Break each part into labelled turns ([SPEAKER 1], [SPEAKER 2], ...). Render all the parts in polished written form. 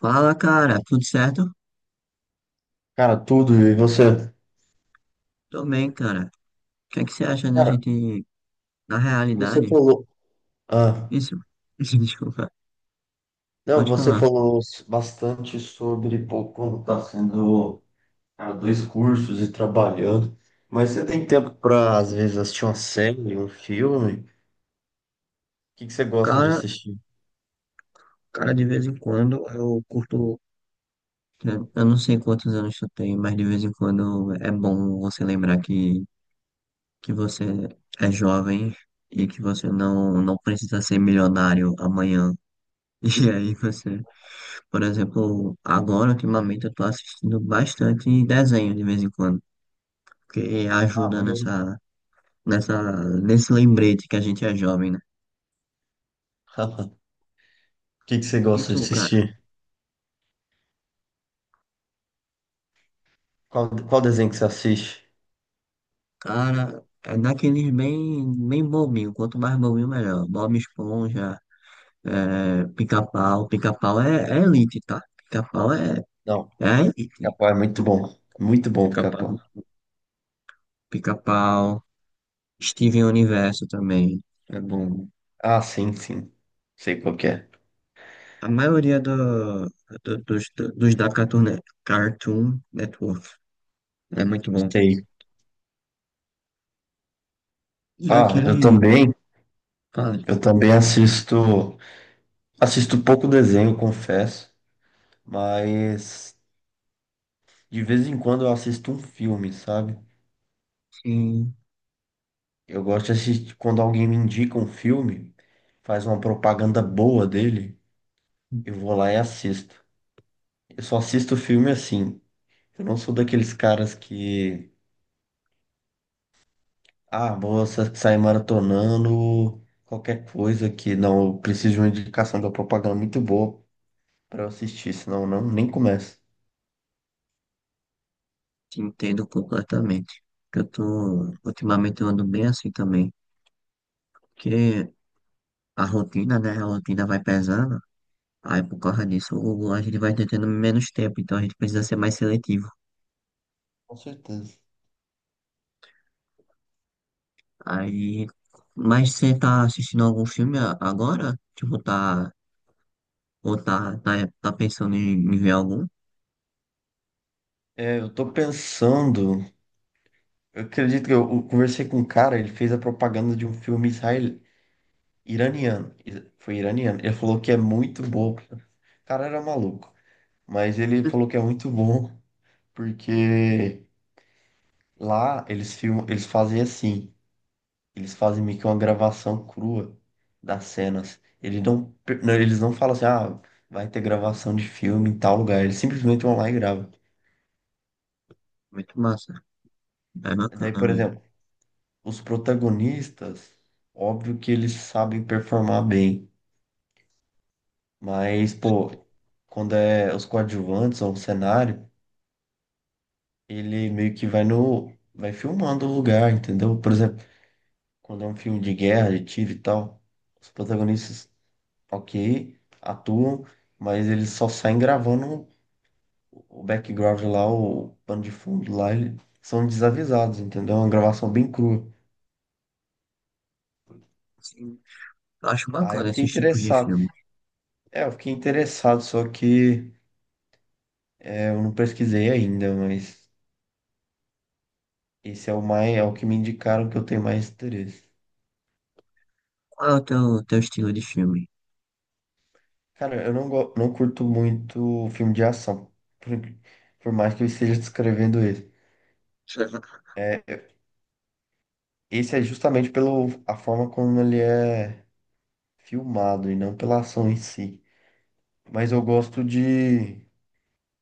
[SPEAKER 1] Fala, cara, tudo certo?
[SPEAKER 2] Cara, tudo. E você?
[SPEAKER 1] Tô bem, cara. O que é que você acha da
[SPEAKER 2] Cara,
[SPEAKER 1] gente, na
[SPEAKER 2] você
[SPEAKER 1] realidade?
[SPEAKER 2] falou. Ah,
[SPEAKER 1] Isso, desculpa,
[SPEAKER 2] não,
[SPEAKER 1] pode
[SPEAKER 2] você
[SPEAKER 1] falar.
[SPEAKER 2] falou bastante sobre pô, como tá sendo cara, dois cursos e trabalhando. Mas você tem tempo pra, às vezes, assistir uma série, um filme? O que que você gosta de
[SPEAKER 1] Cara,
[SPEAKER 2] assistir?
[SPEAKER 1] cara, de vez em quando eu curto, né, eu não sei quantos anos tu tem, mas de vez em quando é bom você lembrar que você é jovem e que você não precisa ser milionário amanhã. E aí você, por exemplo, agora ultimamente eu tô assistindo bastante desenho de vez em quando, porque
[SPEAKER 2] Ah,
[SPEAKER 1] ajuda
[SPEAKER 2] maneiro.
[SPEAKER 1] nesse lembrete que a gente é jovem, né?
[SPEAKER 2] O que que você
[SPEAKER 1] E
[SPEAKER 2] gosta
[SPEAKER 1] tu,
[SPEAKER 2] de
[SPEAKER 1] cara?
[SPEAKER 2] assistir? Qual desenho que você assiste?
[SPEAKER 1] Cara, é naqueles bem, bem bobinho. Quanto mais bobinho, melhor. Bob Esponja, Pica-Pau. Pica-Pau é elite, tá? Pica-Pau é,
[SPEAKER 2] Não,
[SPEAKER 1] é a elite.
[SPEAKER 2] Capão é muito bom. Muito bom, Capão.
[SPEAKER 1] Pica-Pau, Pica-Pau, Steven Universo também. É bom.
[SPEAKER 2] Ah, sim, sim. Sei qual que é.
[SPEAKER 1] A maioria do- dos, dos da Cartoon Network é muito bom.
[SPEAKER 2] Sei.
[SPEAKER 1] E
[SPEAKER 2] Ah, eu
[SPEAKER 1] aquele,
[SPEAKER 2] também.
[SPEAKER 1] cara,
[SPEAKER 2] Eu também assisto. Assisto pouco desenho, confesso, mas de vez em quando eu assisto um filme, sabe?
[SPEAKER 1] sim.
[SPEAKER 2] Eu gosto de assistir quando alguém me indica um filme, faz uma propaganda boa dele, eu vou lá e assisto. Eu só assisto filme assim. Eu não sou daqueles caras que, ah, vou sair maratonando qualquer coisa que não, eu preciso de uma indicação de uma propaganda muito boa pra eu assistir, senão eu não nem começo.
[SPEAKER 1] Te entendo completamente. Ultimamente eu ando bem assim também, porque a rotina, né, a rotina vai pesando, aí por causa disso a gente vai tendo menos tempo, então a gente precisa ser mais seletivo.
[SPEAKER 2] Com certeza.
[SPEAKER 1] Aí, mas você tá assistindo algum filme agora? Tipo, ou tá, tá, tá pensando em ver algum?
[SPEAKER 2] É, eu tô pensando. Eu acredito que eu conversei com um cara, ele fez a propaganda de um filme israel, iraniano. Foi iraniano. Ele falou que é muito bom. O cara era maluco, mas ele falou que é muito bom porque lá eles filmam, eles fazem assim, eles fazem meio que uma gravação crua das cenas. Eles não falam assim, ah, vai ter gravação de filme em tal lugar. Eles simplesmente vão lá e gravam.
[SPEAKER 1] Muito massa, é
[SPEAKER 2] Daí,
[SPEAKER 1] bacana,
[SPEAKER 2] por
[SPEAKER 1] velho.
[SPEAKER 2] exemplo, os protagonistas, óbvio que eles sabem performar bem. Mas, pô, quando é os coadjuvantes ou um cenário, ele meio que vai no. vai filmando o lugar, entendeu? Por exemplo, quando é um filme de guerra, de tiro e tal, os protagonistas, ok, atuam, mas eles só saem gravando o background lá, o pano de fundo lá, eles são desavisados, entendeu? É uma gravação bem crua.
[SPEAKER 1] Sim, eu acho
[SPEAKER 2] Aí eu
[SPEAKER 1] bacana
[SPEAKER 2] fiquei
[SPEAKER 1] esses tipos de
[SPEAKER 2] interessado.
[SPEAKER 1] filme.
[SPEAKER 2] É, eu fiquei interessado, só que é, eu não pesquisei ainda, mas esse é o mais, é o que me indicaram que eu tenho mais interesse.
[SPEAKER 1] Qual é o teu estilo de filme?
[SPEAKER 2] Cara, eu não curto muito filme de ação, por, por mais que eu esteja descrevendo ele. É, esse é justamente pelo a forma como ele é filmado e não pela ação em si. Mas eu gosto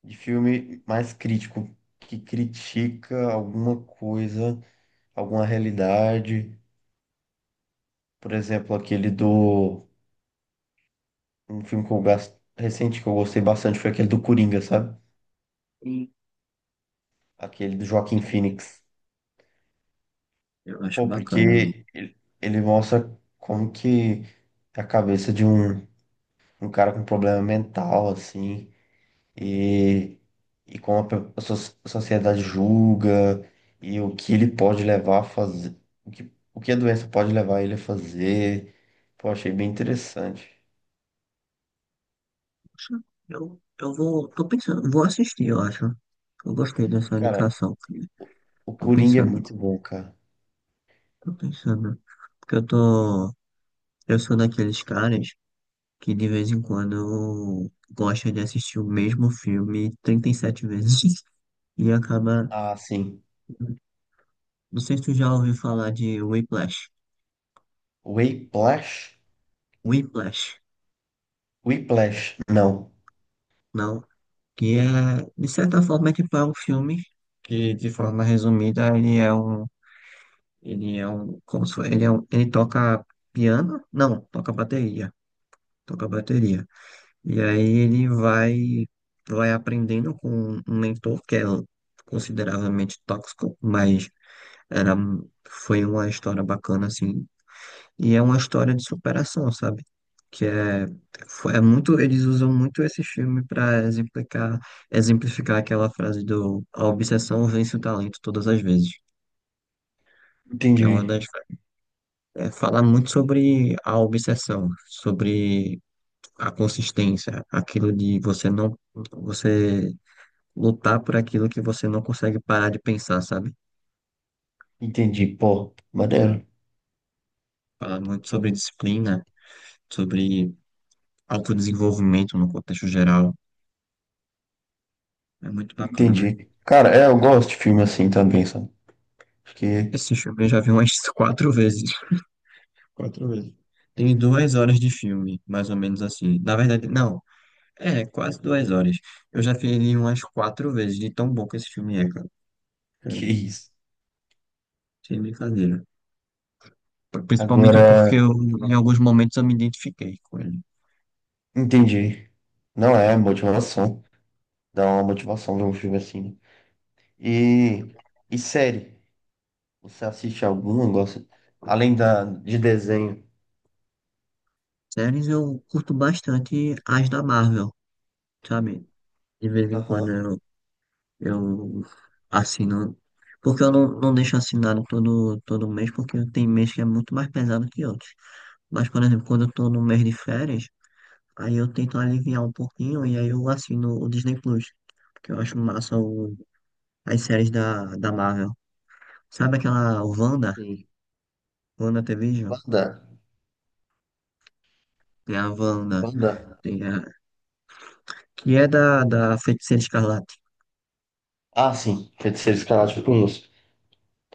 [SPEAKER 2] de filme mais crítico, que critica alguma coisa, alguma realidade. Por exemplo, aquele do. Um filme que eu gosto, recente que eu gostei bastante foi aquele do Coringa, sabe?
[SPEAKER 1] Sim,
[SPEAKER 2] Aquele do Joaquin Phoenix.
[SPEAKER 1] eu acho
[SPEAKER 2] Pô,
[SPEAKER 1] bacana, né?
[SPEAKER 2] porque ele mostra como que a cabeça de um, um cara com problema mental, assim, e, e como a, a a sociedade julga, e o que ele pode levar a fazer, o que a doença pode levar ele a fazer. Pô, achei bem interessante.
[SPEAKER 1] Poxa, eu vou, tô pensando, vou assistir, eu acho. Eu gostei dessa
[SPEAKER 2] Cara,
[SPEAKER 1] indicação.
[SPEAKER 2] o, o
[SPEAKER 1] Tô
[SPEAKER 2] Coringa é
[SPEAKER 1] pensando,
[SPEAKER 2] muito bom, cara.
[SPEAKER 1] tô pensando. Porque eu sou daqueles caras que de vez em quando gosta de assistir o mesmo filme 37 vezes e acaba.
[SPEAKER 2] Ah, sim.
[SPEAKER 1] Não sei se tu já ouviu falar de Whiplash.
[SPEAKER 2] Whiplash?
[SPEAKER 1] Whiplash,
[SPEAKER 2] Whiplash, não.
[SPEAKER 1] não? Que é, de certa forma, é tipo, é um filme que, de forma resumida, Ele é um, como se, ele toca piano? Não, toca bateria, toca bateria. E aí ele vai aprendendo com um mentor que é consideravelmente tóxico, mas era, foi uma história bacana assim. E é uma história de superação, sabe? Que é muito, eles usam muito esse filme para exemplificar aquela frase do a obsessão vence o talento todas as vezes, que é uma
[SPEAKER 2] Entendi,
[SPEAKER 1] das é falar muito sobre a obsessão, sobre a consistência, aquilo de você não, você lutar por aquilo que você não consegue parar de pensar, sabe?
[SPEAKER 2] entendi, pô, maneiro.
[SPEAKER 1] Falar muito sobre disciplina, sobre autodesenvolvimento no contexto geral. É muito bacana.
[SPEAKER 2] Entendi. Cara, é, eu gosto de filme assim também, sabe? Acho
[SPEAKER 1] Esse filme eu já vi umas quatro vezes. Quatro vezes. Tem duas horas de filme, mais ou menos assim. Na verdade, não. É, quase 2 horas. Eu já vi ele umas quatro vezes, de tão bom que esse filme é, cara.
[SPEAKER 2] que é
[SPEAKER 1] Sério,
[SPEAKER 2] isso.
[SPEAKER 1] sem brincadeira. Principalmente
[SPEAKER 2] Agora,
[SPEAKER 1] porque em alguns momentos eu me identifiquei com ele.
[SPEAKER 2] entendi. Não é motivação. Dá uma motivação ver um filme assim. Né? E, e série? Você assiste alguma? Gosta? Além da, de desenho.
[SPEAKER 1] Séries eu curto bastante as da Marvel, sabe? De vez em quando
[SPEAKER 2] Aham.
[SPEAKER 1] eu assino. Porque eu não deixo assinado todo mês, porque tem mês que é muito mais pesado que outros. Mas, por exemplo, quando eu tô no mês de férias, aí eu tento aliviar um pouquinho e aí eu assino o Disney Plus. Porque eu acho massa as séries da Marvel. Sabe aquela Wanda?
[SPEAKER 2] Sim.
[SPEAKER 1] Wanda TV?
[SPEAKER 2] Wanda.
[SPEAKER 1] Tem a Wanda.
[SPEAKER 2] Wanda.
[SPEAKER 1] Tem a, Que é da Feiticeira Escarlate.
[SPEAKER 2] Ah, sim. Feiticeiros Escarlate eu conheço.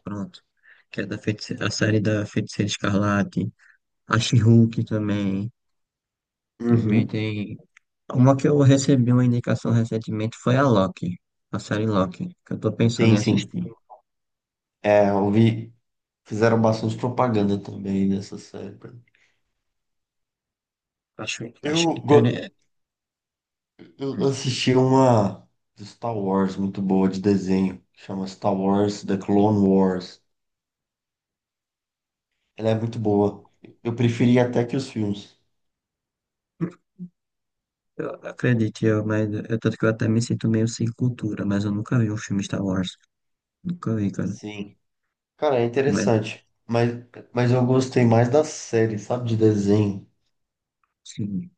[SPEAKER 1] Pronto. Que é da feiticeira, a série da Feiticeira Escarlate. A She-Hulk também. Também
[SPEAKER 2] Uhum.
[SPEAKER 1] tem. Uma que eu recebi uma indicação recentemente foi a Loki. A série Loki. Que eu tô pensando
[SPEAKER 2] Sim,
[SPEAKER 1] em
[SPEAKER 2] sim.
[SPEAKER 1] assistir.
[SPEAKER 2] É, eu vi. Fizeram bastante propaganda também nessa série. Pra mim.
[SPEAKER 1] Acho
[SPEAKER 2] Eu,
[SPEAKER 1] que
[SPEAKER 2] go-
[SPEAKER 1] teria.
[SPEAKER 2] Eu assisti uma do Star Wars muito boa de desenho, que chama Star Wars The Clone Wars. Ela é muito boa. Eu preferi até que os filmes.
[SPEAKER 1] Eu acredito, mas tanto que eu até me sinto meio sem cultura, mas eu nunca vi um filme Star Wars. Nunca vi, cara.
[SPEAKER 2] Sim. Cara, é
[SPEAKER 1] Mas,
[SPEAKER 2] interessante. Mas eu gostei mais da série, sabe? De desenho.
[SPEAKER 1] sim.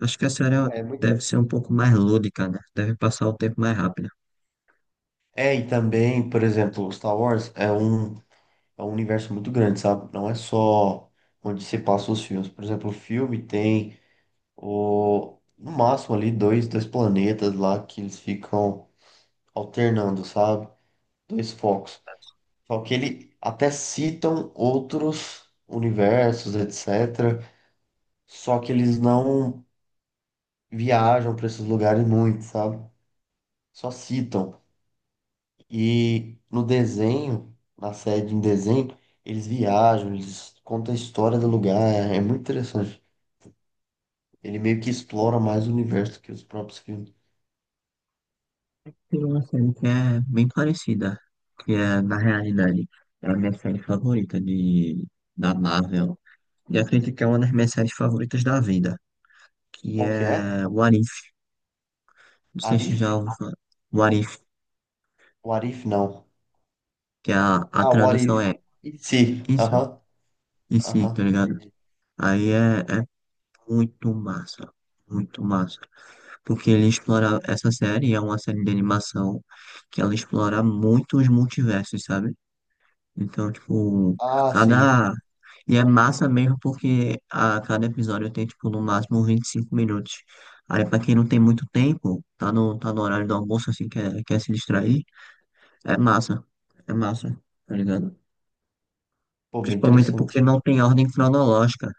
[SPEAKER 1] Acho que a série
[SPEAKER 2] Ah, é muito...
[SPEAKER 1] deve ser um pouco mais lúdica, né? Deve passar o tempo mais rápido.
[SPEAKER 2] É, e também, por exemplo, Star Wars é um universo muito grande, sabe? Não é só onde se passa os filmes. Por exemplo, o filme tem o, no máximo ali dois, dois planetas lá que eles ficam. Alternando, sabe? Dois focos. Só que ele até citam outros universos, etc. Só que eles não viajam para esses lugares muito, sabe? Só citam. E no desenho, na série em desenho, eles viajam, eles contam a história do lugar. É, é muito interessante. Ele meio que explora mais o universo que os próprios filmes.
[SPEAKER 1] Tem uma série que é bem parecida, que é, na realidade, é a minha série favorita da Marvel. E acredito que é uma das minhas séries favoritas da vida, que
[SPEAKER 2] Qual que é?
[SPEAKER 1] é What If. Não sei se
[SPEAKER 2] Arif?
[SPEAKER 1] já ouviu falar. What If,
[SPEAKER 2] O Arif não.
[SPEAKER 1] que é a
[SPEAKER 2] Ah, o
[SPEAKER 1] tradução
[SPEAKER 2] Arif.
[SPEAKER 1] é
[SPEAKER 2] E se?
[SPEAKER 1] isso,
[SPEAKER 2] Aham,
[SPEAKER 1] e sim, tá
[SPEAKER 2] aham,
[SPEAKER 1] ligado?
[SPEAKER 2] entendi.
[SPEAKER 1] Aí é muito massa, muito massa. Porque ele explora essa série, é uma série de animação que ela explora muito os multiversos, sabe? Então, tipo,
[SPEAKER 2] Ah, sim.
[SPEAKER 1] cada. E é massa mesmo porque a cada episódio tem, tipo, no máximo 25 minutos. Aí, pra quem não tem muito tempo, tá no horário do almoço, assim, quer se distrair, é massa. É massa, tá ligado?
[SPEAKER 2] Pô, bem
[SPEAKER 1] Principalmente porque
[SPEAKER 2] interessante.
[SPEAKER 1] não tem ordem cronológica.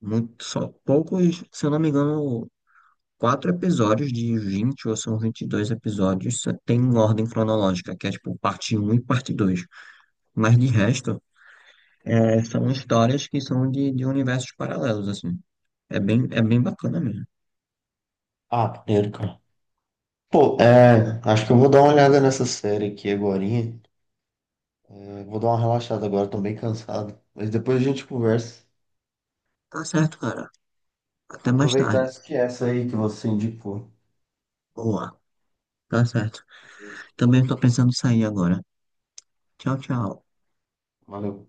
[SPEAKER 1] Só poucos, se eu não me engano, quatro episódios de 20 ou são 22 episódios só tem ordem cronológica, que é, tipo, parte um e parte dois. Mas de resto. É, são histórias que são de universos paralelos, assim. É bem bacana mesmo.
[SPEAKER 2] Ah, primeiro, cara. Pô, é, acho que eu vou dar uma olhada nessa série aqui agorinha. É, vou dar uma relaxada agora, tô bem cansado. Mas depois a gente conversa.
[SPEAKER 1] Tá certo, cara. Até
[SPEAKER 2] Vou
[SPEAKER 1] mais
[SPEAKER 2] aproveitar
[SPEAKER 1] tarde.
[SPEAKER 2] essa que é essa aí que você indicou.
[SPEAKER 1] Boa. Tá certo. Também tô pensando em sair agora. Tchau, tchau.
[SPEAKER 2] Valeu.